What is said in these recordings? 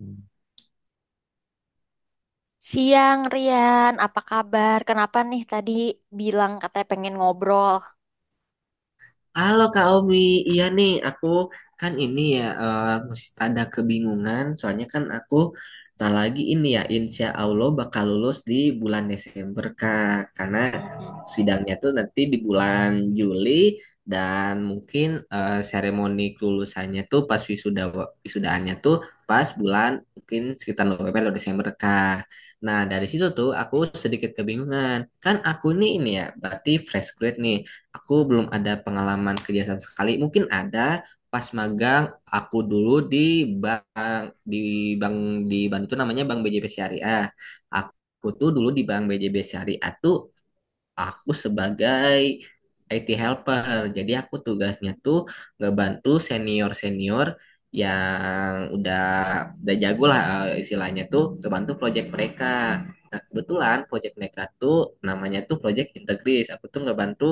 Hmm. Siang Rian, apa kabar? Kenapa nih tadi bilang katanya pengen ngobrol? Halo Kak Omi, iya nih aku kan ini ya mesti ada kebingungan soalnya kan aku tak lagi ini ya insya Allah bakal lulus di bulan Desember Kak, karena Mhm. sidangnya tuh nanti di bulan Juli, dan mungkin seremoni kelulusannya tuh pas wisuda wisudaannya tuh pas bulan mungkin sekitar November atau Desember Kak. Nah dari situ tuh aku sedikit kebingungan, kan aku nih ini ya berarti fresh grade nih. Aku belum ada pengalaman kerja sama sekali. Mungkin ada pas magang aku dulu di bank di bank di Bantu namanya Bank BJB Syariah. Aku tuh dulu di Bank BJB Syariah tuh aku sebagai IT helper. Jadi aku tugasnya tuh ngebantu senior-senior yang udah jago lah, istilahnya tuh ngebantu project mereka. Nah, kebetulan project mereka tuh namanya tuh project Integris. Aku tuh ngebantu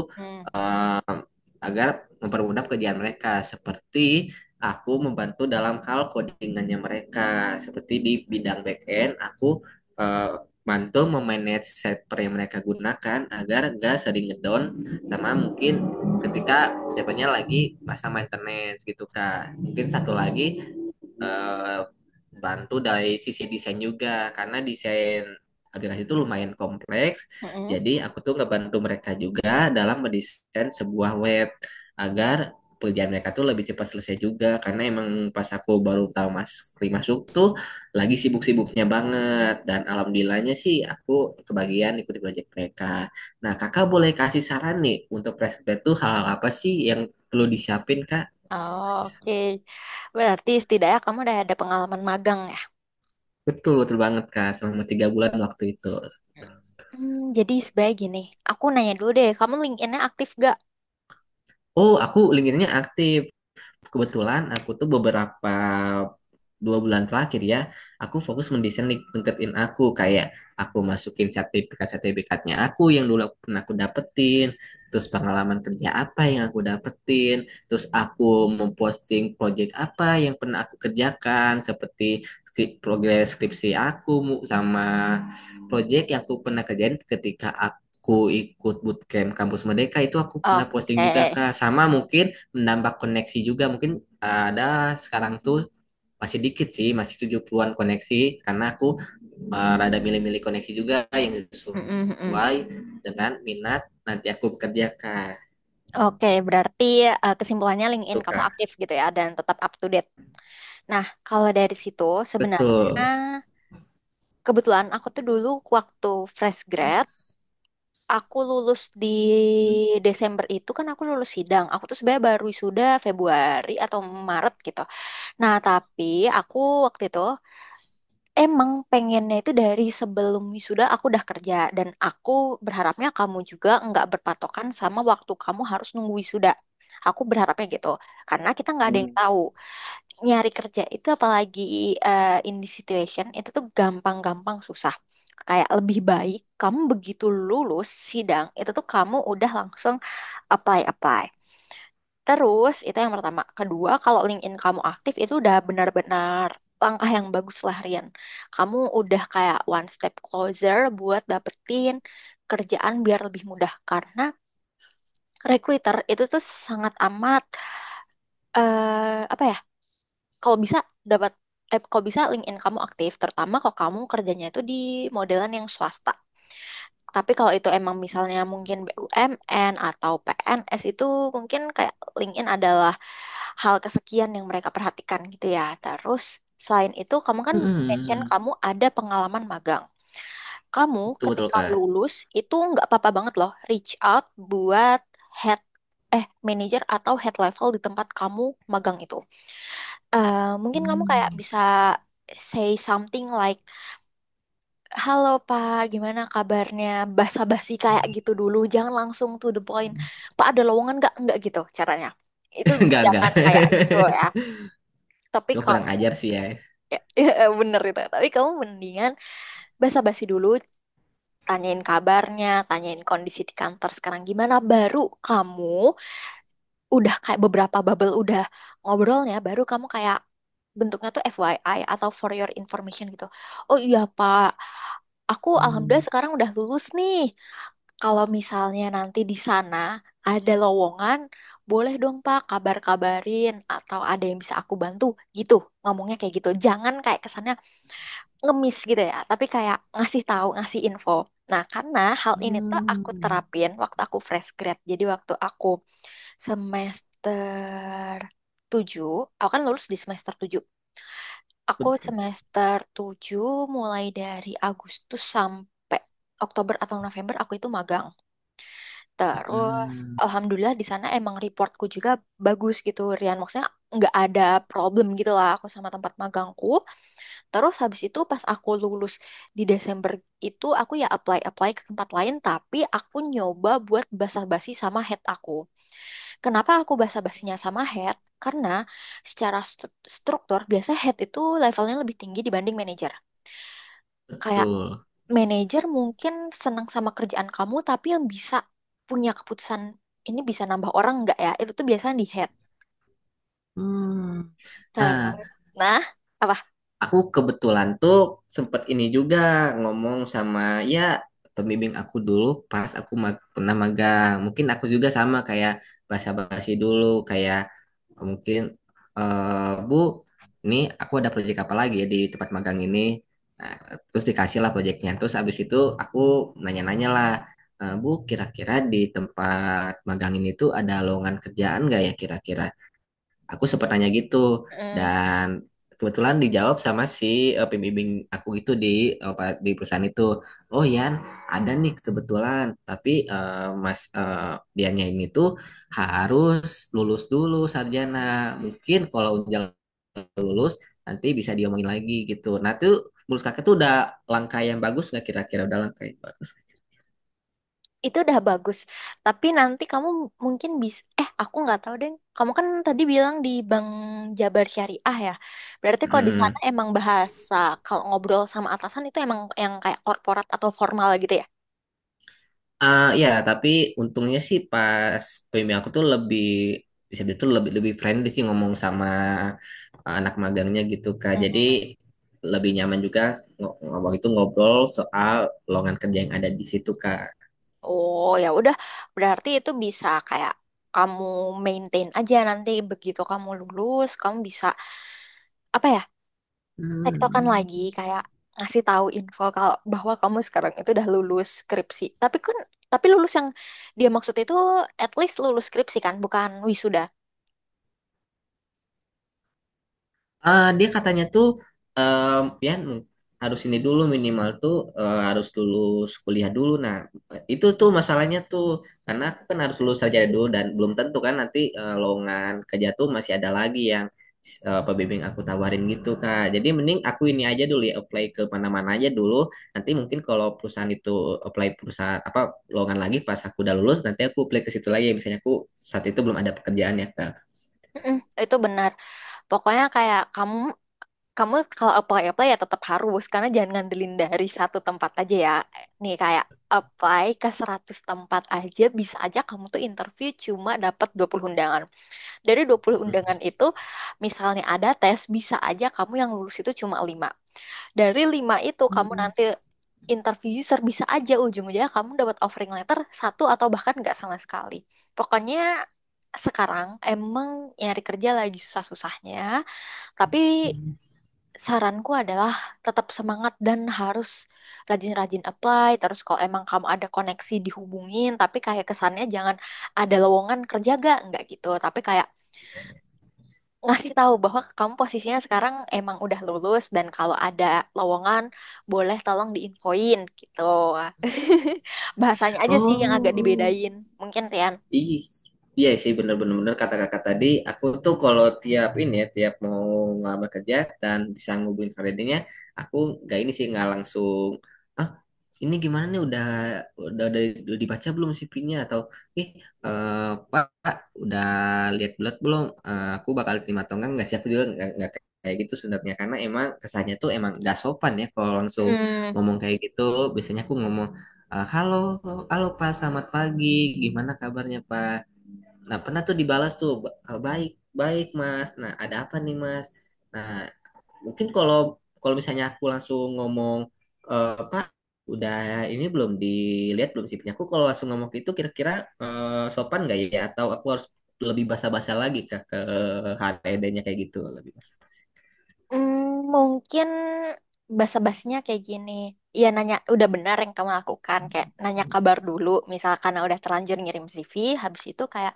agar mempermudah pekerjaan mereka, seperti aku membantu dalam hal codingannya mereka, seperti di bidang backend aku bantu memanage server yang mereka gunakan agar nggak sering ngedown, sama mungkin ketika servernya lagi masa maintenance gitu Kak, mungkin satu lagi eh, bantu dari sisi desain juga, karena desain aplikasi itu lumayan kompleks. Mm-mm. Jadi aku tuh ngebantu mereka juga dalam mendesain sebuah web agar pekerjaan mereka tuh lebih cepat selesai juga, karena emang pas aku baru tahu mas kali masuk tuh lagi sibuk-sibuknya banget dan alhamdulillahnya sih aku kebagian ikuti proyek mereka. Nah, Kakak boleh kasih saran nih untuk fresh grad tuh hal apa sih yang perlu disiapin, Kak? Oh, Kasih saran. oke, berarti setidaknya kamu udah ada pengalaman magang ya? Betul, betul banget Kak. Selama 3 bulan waktu itu. Hmm, jadi sebaik gini, aku nanya dulu deh, kamu LinkedIn-nya aktif gak? Oh, aku LinkedIn-nya aktif. Kebetulan aku tuh beberapa 2 bulan terakhir ya, aku fokus mendesain LinkedIn aku, kayak aku masukin sertifikat-sertifikatnya aku yang dulu aku pernah aku dapetin, terus pengalaman kerja apa yang aku dapetin, terus aku memposting project apa yang pernah aku kerjakan, seperti progres skripsi aku sama project yang aku pernah kerjain ketika aku ikut bootcamp kampus Merdeka, itu aku pernah posting Oke. juga Kak. Sama mungkin menambah koneksi juga, mungkin ada sekarang tuh masih dikit sih, masih 70-an koneksi, karena aku rada milih-milih koneksi juga yang Mm-mm, mm-mm. sesuai dengan minat nanti aku bekerja Kak. Oke, berarti kesimpulannya LinkedIn Tuh kamu Kak. aktif gitu ya dan tetap up to date. Nah, kalau dari situ sebenarnya Betul. kebetulan aku tuh dulu waktu fresh grad. Aku lulus di Desember itu kan aku lulus sidang. Aku tuh sebenarnya baru wisuda Februari atau Maret gitu. Nah, tapi aku waktu itu emang pengennya itu dari sebelum wisuda aku udah kerja dan aku berharapnya kamu juga nggak berpatokan sama waktu kamu harus nunggu wisuda. Aku berharapnya gitu. Karena kita nggak ada yang Mm-mm. tahu nyari kerja itu apalagi in this situation itu tuh gampang-gampang susah. Kayak lebih baik kamu begitu lulus sidang itu tuh kamu udah langsung apply-apply. Terus itu yang pertama. Kedua, kalau LinkedIn kamu aktif itu udah benar-benar langkah yang bagus lah Rian. Kamu udah kayak one step closer buat dapetin kerjaan biar lebih mudah karena recruiter itu tuh sangat amat apa ya, kalau bisa dapat, kalau bisa LinkedIn kamu aktif, terutama kalau kamu kerjanya itu di modelan yang swasta. Tapi kalau itu emang misalnya mungkin BUMN atau PNS itu mungkin kayak LinkedIn adalah hal kesekian yang mereka perhatikan gitu ya. Terus selain itu kamu kan mention kamu ada pengalaman magang. Kamu Betul, betul ketika Kak. lulus itu nggak apa-apa banget loh reach out buat head, manager atau head level di tempat kamu magang itu. Eh, Mungkin kamu kayak Mm. bisa say something like halo Pak, gimana kabarnya? Basa-basi kayak gitu dulu, jangan langsung to the point. Pak ada lowongan nggak? Nggak gitu caranya. Itu Enggak, enggak. jangan kayak gitu ya. Tapi Cuma kurang kamu ajar sih ya. ya, ya, bener itu. Tapi kamu mendingan basa-basi dulu, tanyain kabarnya, tanyain kondisi di kantor sekarang gimana, baru kamu udah kayak beberapa bubble udah ngobrolnya baru kamu kayak bentuknya tuh FYI atau for your information gitu. Oh iya Pak, aku alhamdulillah Mm. sekarang udah lulus nih. Kalau misalnya nanti di sana ada lowongan, boleh dong Pak kabar-kabarin atau ada yang bisa aku bantu gitu. Ngomongnya kayak gitu. Jangan kayak kesannya ngemis gitu ya, tapi kayak ngasih tahu, ngasih info. Nah, karena hal ini tuh aku Mm. terapin waktu aku fresh grad. Jadi waktu aku semester 7, aku kan lulus di semester 7. Aku Betul. semester tujuh mulai dari Agustus sampai Oktober atau November aku itu magang. Terus Mm. alhamdulillah di sana emang reportku juga bagus gitu, Rian. Maksudnya nggak ada problem gitu lah aku sama tempat magangku. Terus habis itu pas aku lulus di Desember itu aku ya apply-apply ke tempat lain tapi aku nyoba buat basa-basi sama head aku. Kenapa aku basa-basinya sama head? Karena secara struktur biasa head itu levelnya lebih tinggi dibanding manager. Kayak betul manager mungkin senang sama kerjaan kamu tapi yang bisa punya keputusan ini bisa nambah orang nggak ya? Itu tuh biasanya di head. Mm. Nah. Terus, nah, apa? Aku kebetulan tuh sempet ini juga ngomong sama ya pembimbing aku dulu pas aku pernah magang. Mungkin aku juga sama, kayak basa-basi dulu kayak mungkin, "Eh Bu, ini aku ada proyek apa lagi ya di tempat magang ini." Nah, terus dikasih lah proyeknya. Terus abis itu aku nanya-nanya lah, "Eh, Bu, kira-kira di tempat magang ini tuh ada lowongan kerjaan nggak ya kira-kira?" Aku sempat nanya gitu, Hmm. dan kebetulan dijawab sama si pembimbing aku itu di di perusahaan itu. "Oh Yan, ada nih kebetulan, tapi Mas dianya ini tuh harus lulus dulu sarjana. Mungkin kalau udah lulus nanti bisa diomongin lagi," gitu. Nah, tuh menurut Kakak tuh udah langkah yang bagus nggak, kira-kira udah langkah yang bagus? Itu udah bagus. Tapi nanti kamu mungkin bisa, aku nggak tahu deh. Kamu kan tadi bilang di Bank Jabar Syariah ya. Berarti kalau di Hmm. sana emang bahasa kalau ngobrol sama atasan itu emang yang kayak korporat atau formal gitu ya? Ah, ya, tapi untungnya sih pas PMI aku tuh lebih bisa itu lebih lebih friendly sih ngomong sama anak magangnya gitu Kak. Mm. Jadi lebih nyaman juga waktu itu ngobrol soal lowongan kerja yang ada di situ Kak. Oh ya udah, berarti itu bisa kayak kamu maintain aja nanti begitu kamu lulus, kamu bisa apa ya, tektokan lagi kayak ngasih tahu info kalau bahwa kamu sekarang itu udah lulus skripsi. Tapi lulus yang dia maksud itu at least lulus skripsi kan, bukan wisuda. Dia katanya tuh eh ya harus ini dulu, minimal tuh harus lulus kuliah dulu. Nah, itu tuh masalahnya tuh, karena aku kan harus lulus saja dulu dan belum tentu kan nanti lowongan kerja tuh masih ada lagi yang pembimbing aku tawarin gitu, Kak. Jadi mending aku ini aja dulu ya apply ke mana-mana aja dulu. Nanti mungkin kalau perusahaan itu apply perusahaan apa lowongan lagi, pas aku udah lulus nanti aku apply ke situ lagi, misalnya aku saat itu belum ada pekerjaan ya, Kak. Mm-mm, itu benar. Pokoknya kayak kamu, kalau apply apply ya tetap harus karena jangan ngandelin dari satu tempat aja ya. Nih kayak apply ke 100 tempat aja bisa aja kamu tuh interview cuma dapat 20 undangan. Dari dua puluh Mm. undangan itu misalnya ada tes bisa aja kamu yang lulus itu cuma 5. Dari lima itu kamu Hmm. nanti interview user bisa aja ujung-ujungnya kamu dapat offering letter satu atau bahkan nggak sama sekali. Pokoknya sekarang emang nyari kerja lagi susah-susahnya, tapi saranku adalah tetap semangat dan harus rajin-rajin apply. Terus kalau emang kamu ada koneksi dihubungin, tapi kayak kesannya jangan ada lowongan kerja gak? Nggak gitu. Tapi kayak ngasih tahu bahwa kamu posisinya sekarang emang udah lulus dan kalau ada lowongan boleh tolong diinfoin gitu. Bahasanya aja sih yang agak Oh. dibedain. Mungkin Rian. Ih, iya sih bener-bener kata Kakak tadi, aku tuh kalau tiap ini ya, tiap mau ngelamar kerja dan bisa ngubungin creditnya, aku nggak ini sih, nggak langsung, "Ah, ini gimana nih, udah udah, udah dibaca belum CV-nya?" atau, "Ih, eh, Pak, Pak, udah lihat bulat belum? Aku bakal terima atau enggak?" Nggak sih, aku juga nggak kayak gitu sebenarnya, karena emang kesannya tuh emang nggak sopan ya kalau langsung Hmm, ngomong kayak gitu. Biasanya aku ngomong, "Ah, halo, halo Pak, selamat pagi. Gimana kabarnya Pak?" Nah, pernah tuh dibalas tuh, "Ah, baik, baik Mas. Nah, ada apa nih Mas?" Nah, mungkin kalau kalau misalnya aku langsung ngomong, Pak, udah ini belum, dilihat belum sih punya aku?" Kalau langsung ngomong itu kira-kira sopan nggak ya? Atau aku harus lebih basa-basa lagi Kak, ke HRD-nya kayak gitu lebih basa. hmm, mungkin basa-basinya kayak gini. Ya nanya udah benar yang kamu lakukan kayak nanya kabar dulu misalkan udah terlanjur ngirim CV habis itu kayak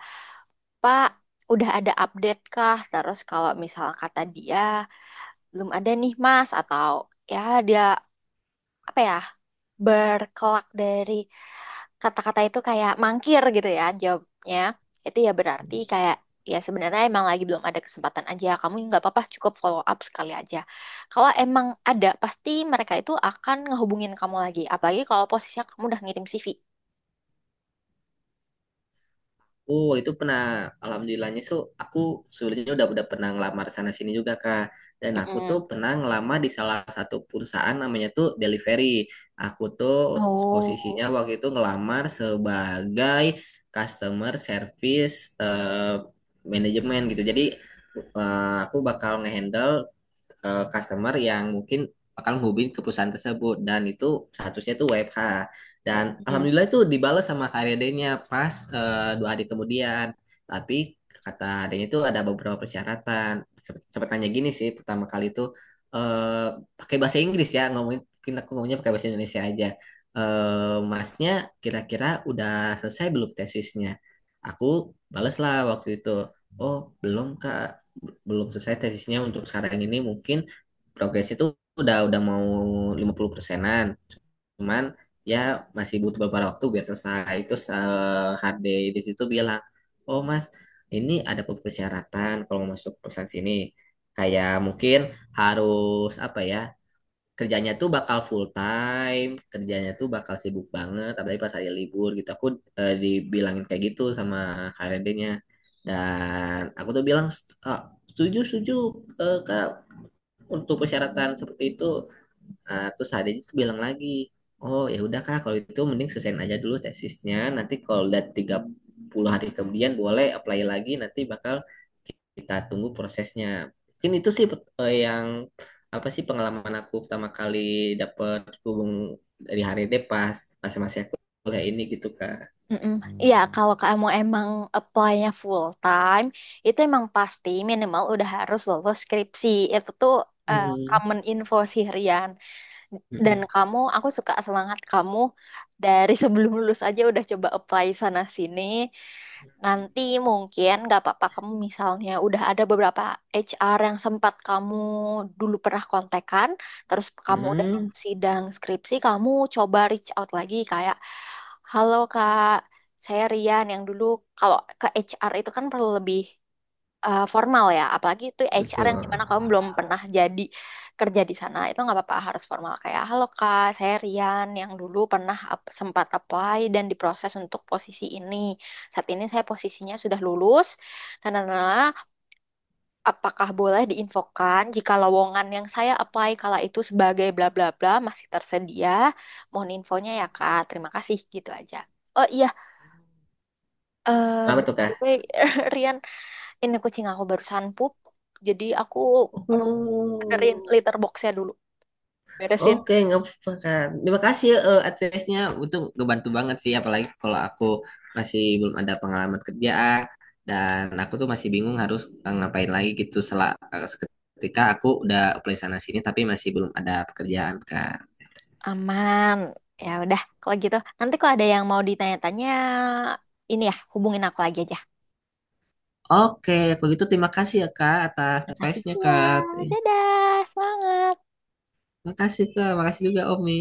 Pak udah ada update kah? Terus kalau misal kata dia belum ada nih Mas atau ya dia apa ya berkelak dari kata-kata itu kayak mangkir gitu ya jawabnya, itu ya berarti kayak ya sebenarnya emang lagi belum ada kesempatan aja, kamu nggak apa-apa cukup follow up sekali aja. Kalau emang ada pasti mereka itu akan ngehubungin kamu lagi apalagi kalau posisinya kamu udah ngirim CV. Oh, itu pernah, alhamdulillahnya so aku sulitnya udah pernah ngelamar sana sini juga Kak. Dan aku tuh Mm-mm. pernah ngelamar di salah satu perusahaan namanya tuh delivery. Aku tuh Oh. posisinya waktu itu ngelamar sebagai customer service eh, manajemen gitu. Jadi aku bakal ngehandle customer yang mungkin akan menghubungi ke perusahaan tersebut, dan itu statusnya tuh WFH, dan Mm-mm. alhamdulillah itu dibalas sama HRD-nya pas 2 hari kemudian. Tapi kata adanya itu ada beberapa persyaratan. Sempet sempet tanya gini sih pertama kali itu eh, pakai bahasa Inggris ya ngomongin, mungkin aku ngomongnya pakai bahasa Indonesia aja. Masnya kira-kira udah selesai belum tesisnya?" Aku balas lah waktu itu, "Oh, belum Kak, belum selesai tesisnya, untuk sekarang ini mungkin progres itu udah mau 50%-an, cuman ya masih butuh beberapa waktu biar selesai." Itu HD di situ bilang, "Oh mas, ini ada beberapa persyaratan kalau mau masuk perusahaan sini, kayak mungkin harus apa ya, kerjanya tuh bakal full time, kerjanya tuh bakal sibuk banget, apalagi pas hari libur gitu." Aku dibilangin kayak gitu sama HRD-nya. Dan aku tuh bilang, "Ah, setuju, setuju, Kak, untuk persyaratan seperti itu." Terus adanya itu bilang lagi, "Oh ya udah Kak, kalau itu mending selesaiin aja dulu tesisnya. Nanti kalau udah 30 hari kemudian boleh apply lagi. Nanti bakal kita tunggu prosesnya." Mungkin itu sih yang apa sih, pengalaman aku pertama kali dapet hubung dari hari ini pas masa-masa aku kuliah ini gitu Kak. Mm-mm. Iya, kalau kamu emang apply-nya full time, itu emang pasti minimal udah harus lolos skripsi. Itu tuh Hmm. common info sih, Rian. Dan Mm. kamu, aku suka semangat kamu dari sebelum lulus aja udah coba apply sana sini. Nanti mungkin nggak apa-apa kamu misalnya udah ada beberapa HR yang sempat kamu dulu pernah kontekan, terus kamu udah Hmm. lulus sidang skripsi, kamu coba reach out lagi kayak, halo kak, saya Rian yang dulu, kalau ke HR itu kan perlu lebih formal ya, apalagi itu HR yang Betul. dimana kamu belum pernah jadi kerja di sana, itu nggak apa-apa harus formal kayak halo kak, saya Rian yang dulu pernah sempat apply dan diproses untuk posisi ini. Saat ini saya posisinya sudah lulus dan apakah boleh diinfokan jika lowongan yang saya apply kala itu sebagai bla bla bla masih tersedia? Mohon infonya ya kak, terima kasih gitu aja. Oh iya, Kenapa by tuh the Kak? way, Rian ini kucing aku barusan pup, jadi aku perlu benerin Oh. litter boxnya dulu, beresin. Oke, nggak apa-apa. Terima kasih advice-nya. Itu ngebantu banget sih, apalagi kalau aku masih belum ada pengalaman kerjaan dan aku tuh masih bingung harus ngapain lagi gitu setelah ketika aku udah apply sana sini tapi masih belum ada pekerjaan Kak. Aman. Ya udah, kalau gitu nanti kalau ada yang mau ditanya-tanya, ini ya hubungin aku lagi aja. Oke, begitu, terima kasih ya Kak atas Makasih. advice-nya Ya, Kak. dadah, semangat. Terima kasih Kak, makasih juga Omi.